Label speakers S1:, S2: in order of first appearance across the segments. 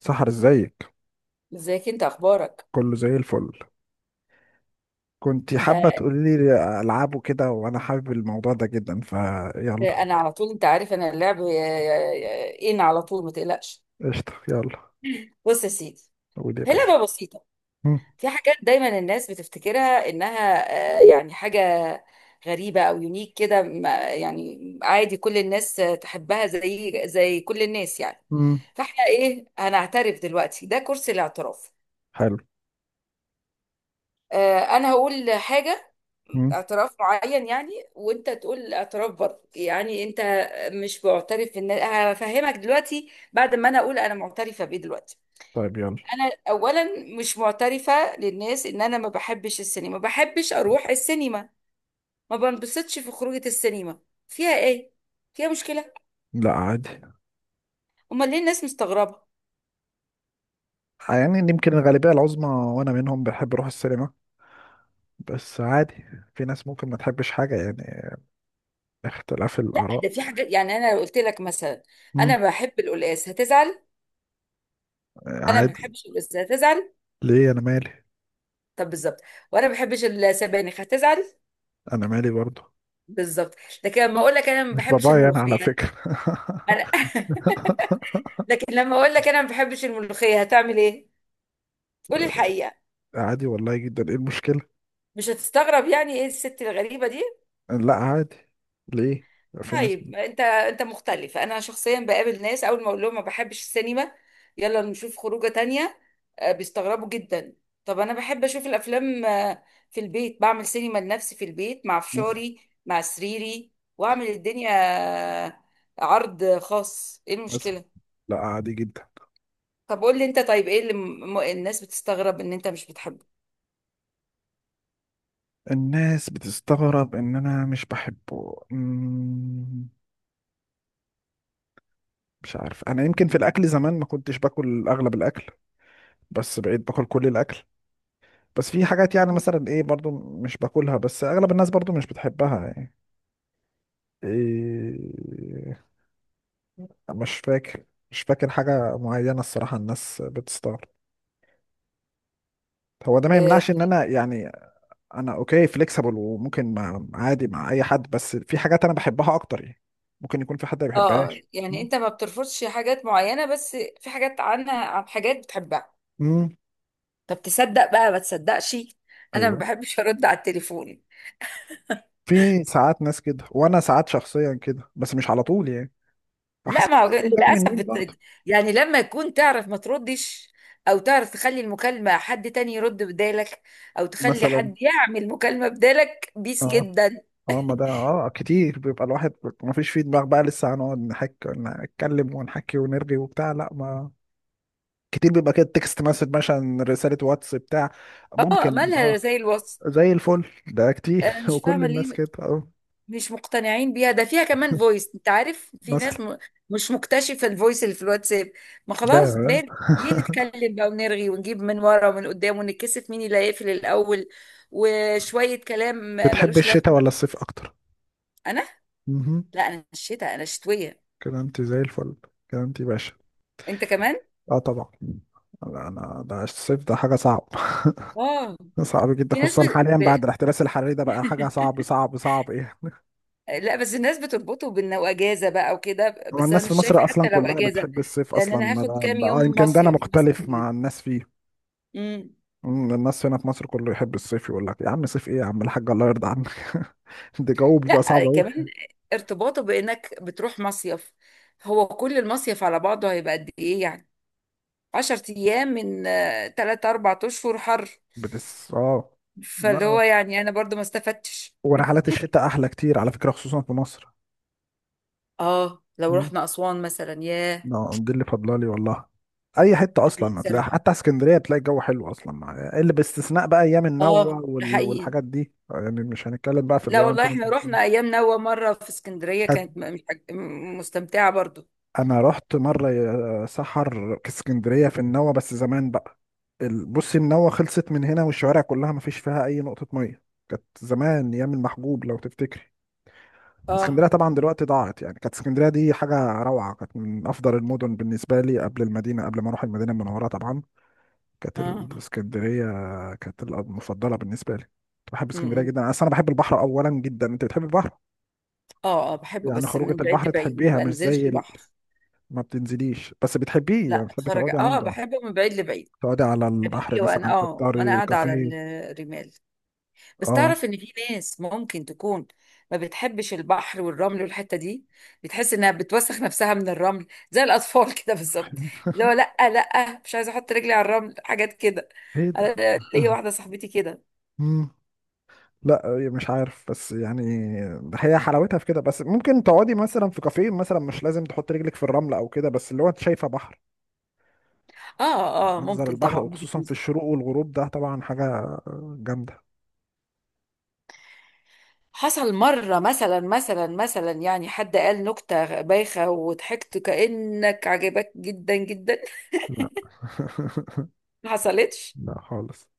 S1: سحر، ازيك؟
S2: ازيك؟ انت اخبارك؟
S1: كله زي الفل. كنت
S2: آه،
S1: حابة تقولي لي ألعابه كده، وأنا حابب الموضوع ده جدا، فيلا.
S2: انا على طول، انت عارف انا اللعب. ان على طول ما تقلقش.
S1: قشطة، يلا.
S2: بص يا سيدي،
S1: قول يا
S2: هي
S1: باشا.
S2: لعبه بسيطه.
S1: مم.
S2: في حاجات دايما الناس بتفتكرها انها يعني حاجه غريبه او يونيك كده، يعني عادي. كل الناس تحبها، زي كل الناس يعني.
S1: مم.
S2: فاحنا ايه؟ هنعترف دلوقتي، ده كرسي الاعتراف.
S1: حلو.
S2: انا هقول حاجه،
S1: مم.
S2: اعتراف معين يعني، وانت تقول اعتراف برضه يعني. انت مش معترف ان هفهمك دلوقتي بعد ما انا اقول انا معترفه بايه دلوقتي؟
S1: طيب، يلا.
S2: انا اولا مش معترفه للناس ان انا ما بحبش السينما، ما بحبش اروح السينما، ما بنبسطش في خروجه السينما. فيها ايه؟ فيها مشكله؟
S1: لا، عادي.
S2: امال ليه الناس مستغربه؟
S1: يعني يمكن الغالبية العظمى، وأنا منهم، بحب أروح السينما، بس عادي. في ناس ممكن ما تحبش حاجة يعني. اختلاف
S2: لا، ده
S1: الآراء.
S2: في حاجات يعني. انا لو قلت لك مثلا
S1: مم.
S2: انا بحب القلقاس، هتزعل؟ انا ما
S1: عادي.
S2: بحبش القلقاس، هتزعل؟
S1: ليه؟ أنا مالي.
S2: طب بالظبط. وانا ما بحبش السبانخ، هتزعل؟
S1: أنا مالي برضه.
S2: بالظبط. لكن لما اقول لك انا ما
S1: مش
S2: بحبش
S1: بابايا أنا على
S2: الملوخيه،
S1: فكرة.
S2: انا لكن لما اقول لك انا ما بحبش الملوخيه، هتعمل ايه؟ قولي الحقيقه.
S1: عادي والله جدا، إيه المشكلة؟
S2: مش هتستغرب يعني ايه الست الغريبه دي؟
S1: لا، عادي. ليه؟ في ناس.
S2: طيب انت مختلف. انا شخصيا بقابل ناس اول ما اقول لهم ما بحبش السينما، يلا نشوف خروجه تانية. بيستغربوا جدا. طب انا بحب اشوف الافلام. في البيت بعمل سينما لنفسي، في البيت مع
S1: مثلا.
S2: فشاري، مع سريري، واعمل الدنيا. آه، عرض خاص، ايه
S1: مثلا.
S2: المشكله؟
S1: لا، عادي جدا.
S2: طب قول لي انت، طيب ايه اللي الناس بتستغرب ان انت مش بتحبه؟
S1: الناس بتستغرب ان انا مش بحبه. مش عارف، انا يمكن في الاكل زمان ما كنتش باكل اغلب الاكل، بس بقيت باكل كل الاكل. بس في حاجات يعني،
S2: مهم.
S1: مثلا ايه برضو، مش باكلها، بس اغلب الناس برضو مش بتحبها يعني. إيه. مش فاكر مش فاكر حاجة معينة، الصراحة الناس بتستغرب. هو ده ما
S2: اه.
S1: يمنعش ان انا يعني، انا اوكي فليكسبل، وممكن مع عادي مع اي حد، بس في حاجات انا بحبها اكتر يعني، ممكن يكون في حد ما بيحبهاش.
S2: يعني انت ما بترفضش حاجات معينة، بس في حاجات عن حاجات بتحبها.
S1: امم.
S2: طب تصدق بقى ما تصدقش، انا ما
S1: ايوه.
S2: بحبش ارد على التليفون.
S1: في ساعات ناس كده، وانا ساعات شخصيا كده، بس مش على طول يعني، على
S2: لا
S1: حسب
S2: ما هو
S1: يكون جاي من
S2: للاسف
S1: مين برضه.
S2: يعني لما يكون تعرف ما تردش، او تعرف تخلي المكالمة حد تاني يرد بدالك، او تخلي
S1: مثلا.
S2: حد يعمل مكالمة بدالك بيس
S1: اه.
S2: جدا.
S1: اه، ما ده كتير بيبقى الواحد ما فيش في دماغ بقى، لسه هنقعد نحك، نتكلم ونحكي ونرغي وبتاع، لا ما. كتير بيبقى كده تكست مسج، مثلا رسالة واتس بتاع.
S2: اه
S1: ممكن،
S2: مالها
S1: اه.
S2: زي الوصف.
S1: زي الفل، ده كتير
S2: انا مش
S1: وكل
S2: فاهمة
S1: الناس
S2: ليه
S1: كده، اه.
S2: مش مقتنعين بيها. ده فيها كمان فويس، انت عارف في
S1: مثلا.
S2: ناس مش مكتشفة الفويس اللي في الواتساب. ما خلاص
S1: يا.
S2: بال، ليه نتكلم بقى ونرغي ونجيب من ورا ومن قدام ونتكسف مين اللي هيقفل الأول وشوية كلام؟
S1: بتحب
S2: ملوش
S1: الشتاء
S2: لازمة.
S1: ولا الصيف اكتر؟
S2: أنا،
S1: مهم.
S2: لا أنا الشتاء، أنا الشتوية.
S1: كلامتي زي الفل. كلامتي باشا.
S2: أنت كمان؟
S1: اه، طبعا. لا، انا ده الصيف ده حاجه صعب.
S2: اه،
S1: صعب جدا،
S2: في ناس
S1: خصوصا حاليا بعد الاحتباس الحراري، ده بقى حاجه صعب صعب صعب، ايه.
S2: لا بس الناس بتربطه بأنه أجازة بقى وكده،
S1: هو
S2: بس أنا
S1: الناس في
S2: مش شايفة.
S1: مصر اصلا
S2: حتى لو
S1: كلها
S2: أجازة،
S1: بتحب الصيف
S2: لأن
S1: اصلا،
S2: أنا
S1: ما
S2: هاخد
S1: ده,
S2: كام
S1: ده
S2: يوم
S1: يمكن ده انا
S2: مصيف مثلا
S1: مختلف
S2: يعني.
S1: مع الناس فيه.
S2: امم.
S1: الناس هنا في مصر كله يحب الصيف، يقول لك يا عم صيف ايه، يا عم الحاج الله يرضى عنك. ده جو بيبقى
S2: لا
S1: صعب قوي.
S2: كمان ارتباطه بانك بتروح مصيف، هو كل المصيف على بعضه هيبقى قد ايه يعني؟ عشر ايام من تلات اربع اشهر حر.
S1: بتس، اه.
S2: فاللي
S1: لا.
S2: هو يعني انا برضو ما استفدتش.
S1: ورحلات الشتاء احلى كتير على فكره، خصوصا في مصر.
S2: اه لو رحنا اسوان مثلا، ياه.
S1: اه، دي اللي فاضله لي والله. اي حته
S2: انا
S1: اصلا
S2: نفسي
S1: هتلاقي،
S2: اروح.
S1: حتى اسكندريه بتلاقي الجو حلو اصلا، مع اللي باستثناء بقى ايام النوة
S2: اه ده حقيقي.
S1: والحاجات دي يعني، مش هنتكلم بقى في اللي
S2: لا
S1: هو انت
S2: والله احنا
S1: مثلا.
S2: رحنا ايام نوى مره في اسكندريه،
S1: حت-
S2: كانت مش حاج- مستمتعه برضو.
S1: انا رحت مره يا سحر اسكندريه في النوة، بس زمان بقى. بصي النوة خلصت من هنا، والشوارع كلها ما فيش فيها اي نقطه ميه. كانت زمان ايام المحجوب، لو تفتكري. اسكندريه
S2: اه
S1: طبعا دلوقتي ضاعت يعني، كانت اسكندريه دي حاجه روعه، كانت من افضل المدن بالنسبه لي، قبل المدينه، قبل ما اروح المدينه المنوره طبعا. كانت
S2: اه.
S1: الاسكندريه كانت المفضله بالنسبه لي، كنت بحب
S2: م-
S1: اسكندريه
S2: م.
S1: جدا، اصل انا بحب البحر اولا جدا. انت بتحب البحر؟
S2: اه اه بحبه
S1: يعني
S2: بس
S1: خروجه
S2: من بعيد
S1: البحر
S2: لبعيد، ما
S1: تحبيها، مش
S2: بنزلش
S1: زي
S2: البحر.
S1: ما بتنزليش، بس بتحبيه يعني،
S2: لا
S1: بتحبي
S2: اتفرج،
S1: تقعدي
S2: اه
S1: عنده،
S2: بحبه من بعيد لبعيد
S1: تقعدي على البحر
S2: حبيبي. وانا
S1: مثلا،
S2: وانا
S1: تفطري
S2: قاعده على
S1: كافيه.
S2: الرمال. بس
S1: اه.
S2: تعرف ان في ناس ممكن تكون ما بتحبش البحر والرمل والحته دي. بتحس انها بتوسخ نفسها من الرمل زي الاطفال كده بالظبط. اللي هو لا لا، مش عايزه احط رجلي على الرمل، حاجات كده.
S1: ايه ده؟
S2: انا ليا واحده صاحبتي كده.
S1: مم. لا، مش عارف بس يعني، هي حلاوتها في كده، بس ممكن تقعدي مثلا في كافيه، مثلا مش لازم تحط رجلك في الرمل او كده، بس اللي هو انت شايفه بحر.
S2: اه اه
S1: منظر
S2: ممكن
S1: البحر،
S2: طبعا، وجهة
S1: وخصوصا في
S2: نظر.
S1: الشروق والغروب، ده طبعا حاجة جامدة.
S2: حصل مره مثلا يعني حد قال نكته بايخه وضحكت كانك عجبك جدا جدا؟
S1: لا.
S2: ما حصلتش.
S1: لا خالص.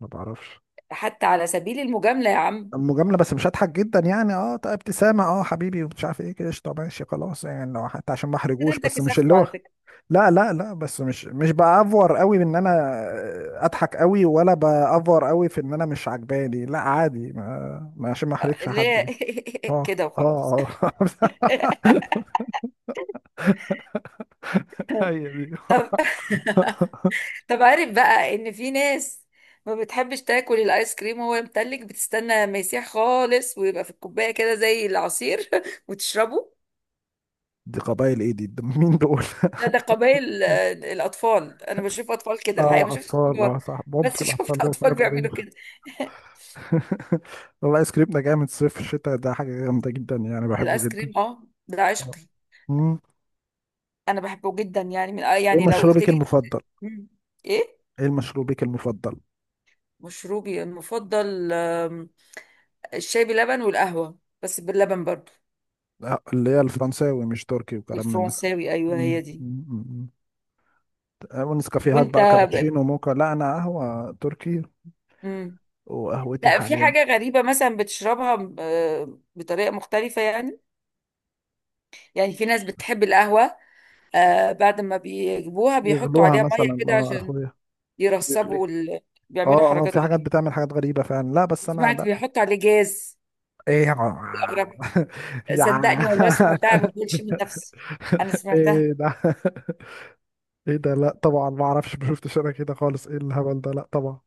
S1: ما بعرفش.
S2: حتى على سبيل المجامله يا عم؟
S1: مجاملة، بس مش هضحك جدا يعني، اه طيب ابتسامة، اه حبيبي ومش عارف ايه كده، قشطة، ماشي، خلاص يعني، لو حتى عشان ما
S2: كده
S1: احرجوش،
S2: انت
S1: بس مش اللي
S2: كسفته
S1: هو.
S2: على فكرة.
S1: لا لا لا، بس مش بأفور قوي بان انا اضحك قوي، ولا بأفور قوي في ان انا مش عجباني، لا عادي، عشان ما احرجش
S2: ليه؟
S1: حد. اه
S2: كده وخلاص.
S1: اه اه. هي دي.
S2: طب. طب عارف بقى ان في ناس ما بتحبش تاكل الايس كريم وهو متلج، بتستنى ما يسيح خالص ويبقى في الكوباية كده زي العصير وتشربه؟
S1: دي قبائل ايه دي, دي مين دول؟
S2: ده قبائل الاطفال. انا بشوف اطفال كده الحقيقة، ما
S1: اه
S2: شفتش
S1: اطفال، اه
S2: كبار.
S1: صح،
S2: بس
S1: ممكن الاطفال
S2: شفت
S1: لهم
S2: اطفال
S1: حاجات
S2: بيعملوا
S1: غريبة.
S2: كده.
S1: والله ايس كريم ده جامد صيف الشتاء ده حاجة جامدة جدا يعني، بحبه
S2: الايس
S1: جدا.
S2: كريم، اه ده
S1: آه.
S2: عشقي.
S1: مم.
S2: انا بحبه جدا يعني، من
S1: ايه
S2: يعني لو قلت
S1: مشروبك
S2: لي.
S1: المفضل؟
S2: مم. ايه
S1: ايه مشروبك المفضل؟
S2: مشروبي المفضل؟ الشاي بلبن، والقهوة بس باللبن برضو.
S1: لا، اللي هي الفرنساوي، مش تركي وكلام من ده.
S2: والفرنساوي، أيوه
S1: مم.
S2: هي دي.
S1: مم. مم. ونسكافيهات
S2: وأنت؟
S1: بقى
S2: ب...
S1: كابتشينو موكا، لا انا قهوة تركي.
S2: مم.
S1: وقهوتي
S2: لا، في
S1: حاليا.
S2: حاجة غريبة مثلا بتشربها بطريقة مختلفة يعني. يعني في ناس بتحب القهوة بعد ما بيجيبوها بيحطوا
S1: يغلوها
S2: عليها مية
S1: مثلا،
S2: كده
S1: اه يا
S2: عشان
S1: اخويا. يغلي.
S2: يرسبوا بيعملوا
S1: اه اه،
S2: حركات
S1: في حاجات
S2: غريبة.
S1: بتعمل حاجات غريبة فعلا، لا بس انا
S2: سمعت
S1: لا.
S2: بيحطوا عليه جاز.
S1: ايه يا عم-
S2: أغرب.
S1: يا عم.
S2: صدقني والله سمعتها، ما بقولش من نفسي، أنا سمعتها.
S1: ايه ده؟ ايه ده؟ لا طبعا، ما اعرفش، ما شفتش انا كده خالص، ايه الهبل ده، لا طبعا.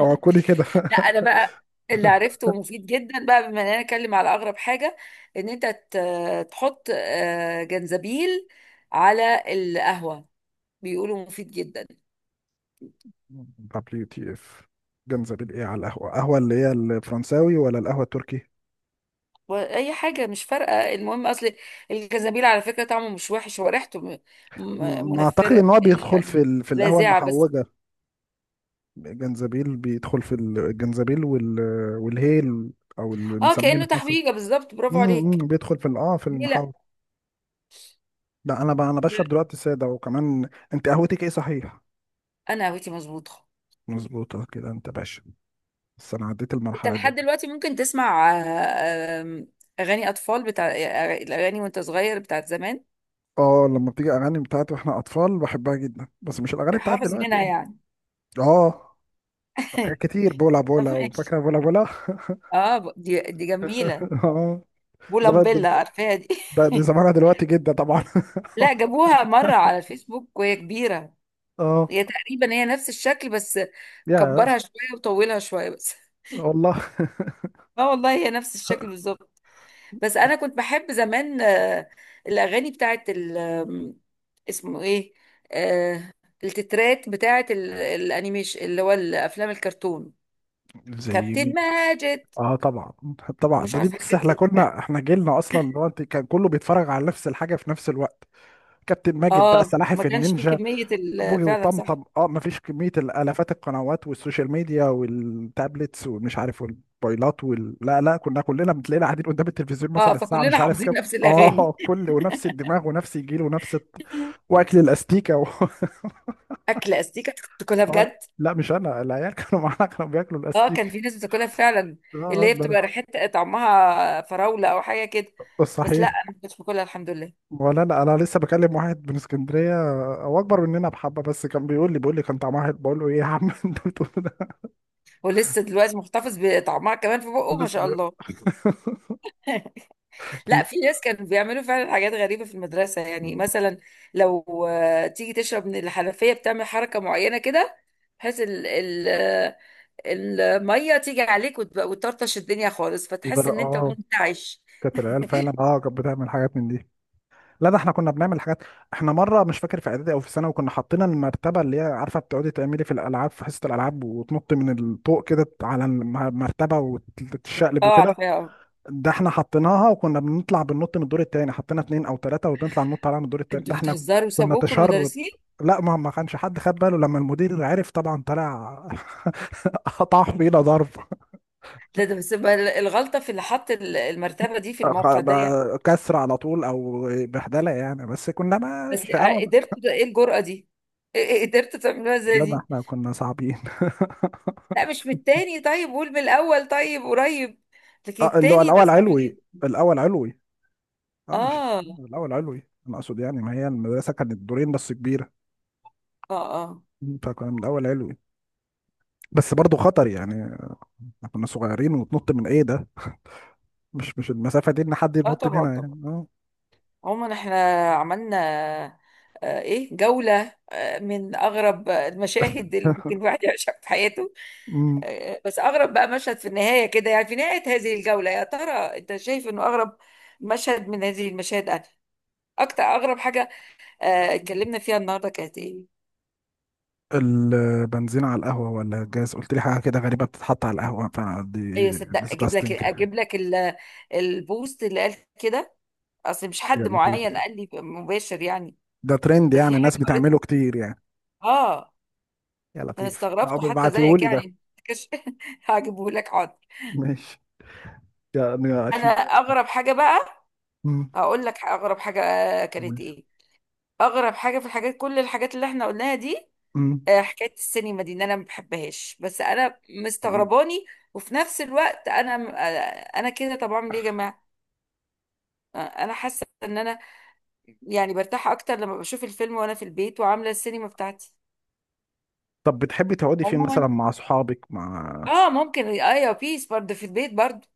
S1: او كوني كده.
S2: لا انا بقى اللي عرفته ومفيد جدا، بقى بما اننا نتكلم على اغرب حاجه، ان انت تحط جنزبيل على القهوه، بيقولوا مفيد جدا.
S1: دبليو تي اف. جنزبيل ايه على القهوه؟ قهوه اللي هي الفرنساوي ولا القهوه التركي؟
S2: واي حاجه مش فارقه، المهم اصل الجنزبيل على فكره طعمه مش وحش، هو ريحته
S1: ما اعتقد ان
S2: منفره
S1: هو بيدخل
S2: يعني،
S1: في القهوه
S2: لاذعه بس.
S1: المحوجه. جنزبيل بيدخل في الجنزبيل والهيل، او اللي
S2: اه
S1: بنسميه في
S2: كانه
S1: مصر.
S2: تحويجه بالظبط، برافو عليك.
S1: بيدخل في ال- اه في
S2: ليه لا؟
S1: المحوج. لا، انا بشرب دلوقتي ساده، وكمان انت قهوتك ايه، صحيح؟
S2: انا هويتي مظبوطه.
S1: مظبوطة كده انت باشا، بس انا عديت
S2: انت
S1: المرحلة دي.
S2: لحد دلوقتي ممكن تسمع اغاني اطفال بتاع الاغاني وانت صغير بتاعت زمان؟
S1: اه لما بتيجي اغاني بتاعت واحنا اطفال بحبها جدا، بس مش الاغاني بتاعت
S2: حافظ
S1: دلوقتي
S2: منها
S1: يعني.
S2: يعني؟
S1: اه. حاجات كتير، بولا بولا،
S2: ماشي.
S1: وفاكرة بولا بولا.
S2: اه دي جميله،
S1: اه. زمان ده.
S2: بولامبيلا، عارفاها دي؟
S1: دي زمانها دلوقتي جدا طبعا.
S2: لا، جابوها مره على الفيسبوك وهي كبيره.
S1: اه.
S2: هي تقريبا هي نفس الشكل، بس
S1: يا
S2: كبرها شويه وطولها شويه بس.
S1: والله.
S2: اه والله هي نفس الشكل بالظبط. بس انا كنت بحب زمان الاغاني بتاعت ال- آم، اسمه ايه؟ آه التترات بتاعت الانيميشن، اللي هو الافلام الكرتون.
S1: زي
S2: كابتن
S1: مين؟
S2: ماجد،
S1: اه طبعا. طبعا،
S2: مش
S1: ده دي
S2: عارفه
S1: بص
S2: حاجات
S1: احنا
S2: كده.
S1: كنا، احنا جيلنا اصلا، اللي هو انت كان كله بيتفرج على نفس الحاجه في نفس الوقت. كابتن ماجد بقى،
S2: اه ما
S1: سلاحف
S2: كانش فيه
S1: النينجا،
S2: كمية
S1: بوجي
S2: فعلا
S1: وطمطم.
S2: صح.
S1: اه مفيش كمية الآلافات، القنوات والسوشيال ميديا والتابلتس ومش عارف، والموبايلات لا لا، كنا كلنا بتلاقينا قاعدين قدام التلفزيون
S2: اه
S1: مثلا الساعة مش
S2: فكلنا
S1: عارف
S2: حافظين
S1: كام.
S2: نفس
S1: اه،
S2: الأغاني.
S1: كل ونفس الدماغ، ونفس الجيل، ونفس الط-، واكل الاستيكة
S2: أكل أستيكة، تاكلها
S1: لا
S2: بجد؟
S1: لا، مش انا العيال كانوا معانا كانوا بياكلوا
S2: اه كان
S1: الاستيك.
S2: في ناس بتاكلها فعلا،
S1: اه.
S2: اللي هي
S1: ده أنا.
S2: بتبقى ريحتها طعمها فراولة أو حاجة كده.
S1: بس
S2: بس لا،
S1: صحيح.
S2: أنا ما كنتش باكلها الحمد لله.
S1: ولا لا، انا لسه بكلم واحد من اسكندريه، هو اكبر مننا بحبه، بس كان بيقول لي كان طعمها حلو، بقول له ايه يا عم انت بتقول ده.
S2: ولسه دلوقتي محتفظ بطعمها كمان في بقه ما
S1: لسه
S2: شاء
S1: بيقول.
S2: الله. لا، في ناس كانوا بيعملوا فعلا حاجات غريبة في المدرسة يعني.
S1: لا.
S2: مثلا لو تيجي تشرب من الحنفية، بتعمل حركة معينة كده بحيث الميه تيجي عليك وتطرطش الدنيا خالص فتحس ان انت
S1: اه،
S2: منتعش.
S1: كانت العيال فعلا، كانت بتعمل حاجات من دي. لا، ده احنا كنا بنعمل حاجات. احنا مره مش فاكر، في اعدادي او في ثانوي كنا حاطين المرتبه، اللي هي عارفه بتقعدي تعملي في حصه الالعاب، وتنطي من الطوق كده على المرتبه وتتشقلب
S2: اه
S1: وكده.
S2: عارفاها.
S1: ده احنا حطيناها وكنا بنطلع بننط من الدور التاني، حطينا اتنين او تلاته وبنطلع ننط عليها من الدور التاني،
S2: انتوا
S1: ده احنا
S2: بتهزروا،
S1: كنا
S2: سابوكوا
S1: تشرد.
S2: المدرسين.
S1: لا، ما كانش حد خد باله، لما المدير عرف طبعا طلع قطع فينا ضرب.
S2: لا ده بس بقى الغلطه في اللي حط المرتبه دي في الموقع ده يعني.
S1: كسر على طول او بهدله يعني، بس كنا ما
S2: بس
S1: شقاوه بقى،
S2: قدرت ايه الجرأه دي؟ إيه قدرت تعملوها زي
S1: لما
S2: دي؟
S1: احنا كنا صعبين.
S2: لا مش من التاني، طيب قول من الاول طيب قريب. لكن
S1: اه، اللي هو
S2: التاني ده
S1: الاول
S2: صعب
S1: علوي.
S2: جدا.
S1: الاول علوي. اه مش،
S2: اه
S1: الاول علوي انا اقصد يعني، ما هي المدرسه كانت دورين بس كبيره،
S2: اه اه.
S1: فكنا من الاول علوي، بس برضو خطر يعني، احنا كنا صغيرين، وتنط من ايه ده، مش المسافه دي ان حد
S2: اه
S1: ينط
S2: طبعا
S1: منها
S2: طبعا.
S1: يعني، اه.
S2: عموما احنا عملنا ايه، جولة من أغرب المشاهد اللي ممكن الواحد يعيشها في حياته.
S1: أمم.
S2: بس أغرب بقى مشهد في النهاية كده يعني، في نهاية هذه الجولة، يا ترى أنت شايف إنه أغرب مشهد من هذه المشاهد؟ أنا أكتر، أغرب حاجة اتكلمنا فيها النهاردة كانت إيه؟
S1: البنزين على القهوه ولا الجاز؟ قلت لي حاجه كده غريبه بتتحط على القهوه،
S2: أيوة،
S1: فدي
S2: صدق، أجيب لك
S1: disgusting.
S2: أجيب لك البوست اللي قال كده. أصل مش
S1: يا
S2: حد
S1: لطيف،
S2: معين قال لي مباشر يعني،
S1: ده ترند
S2: ده
S1: يعني
S2: في حاجة
S1: الناس
S2: قريتها.
S1: بتعمله كتير يعني.
S2: آه
S1: يا
S2: أنا
S1: لطيف، اه
S2: استغربته حتى زيك
S1: بيبعتيهولي ده.
S2: يعني. هجيبه لك حاضر.
S1: ماشي، يعني
S2: أنا
S1: عشان.
S2: أغرب حاجة بقى،
S1: مم.
S2: هقول لك اغرب حاجه
S1: قول.
S2: كانت ايه. اغرب حاجه في الحاجات، كل الحاجات اللي احنا قلناها دي،
S1: مم.
S2: حكايه السينما دي، ان انا ما بحبهاش. بس انا
S1: مم.
S2: مستغرباني، وفي نفس الوقت انا انا كده. طب اعمل ايه يا جماعه؟ انا حاسه ان انا يعني برتاح اكتر لما بشوف الفيلم وانا في البيت، وعامله السينما بتاعتي.
S1: طب بتحبي تقعدي فين مثلا،
S2: عموما
S1: مع صحابك، مع.
S2: اه ممكن، ايوه بيس برضه في البيت برضه.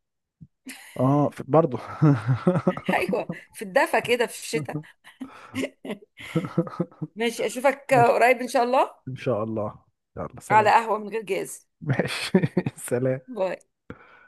S1: اه برضه.
S2: ايوه، في الدفا كده في الشتاء. ماشي، اشوفك
S1: ماشي.
S2: قريب ان شاء الله.
S1: ان شاء الله. يلا
S2: على
S1: سلام.
S2: قهوه من غير جاز.
S1: ماشي. سلام.
S2: باي.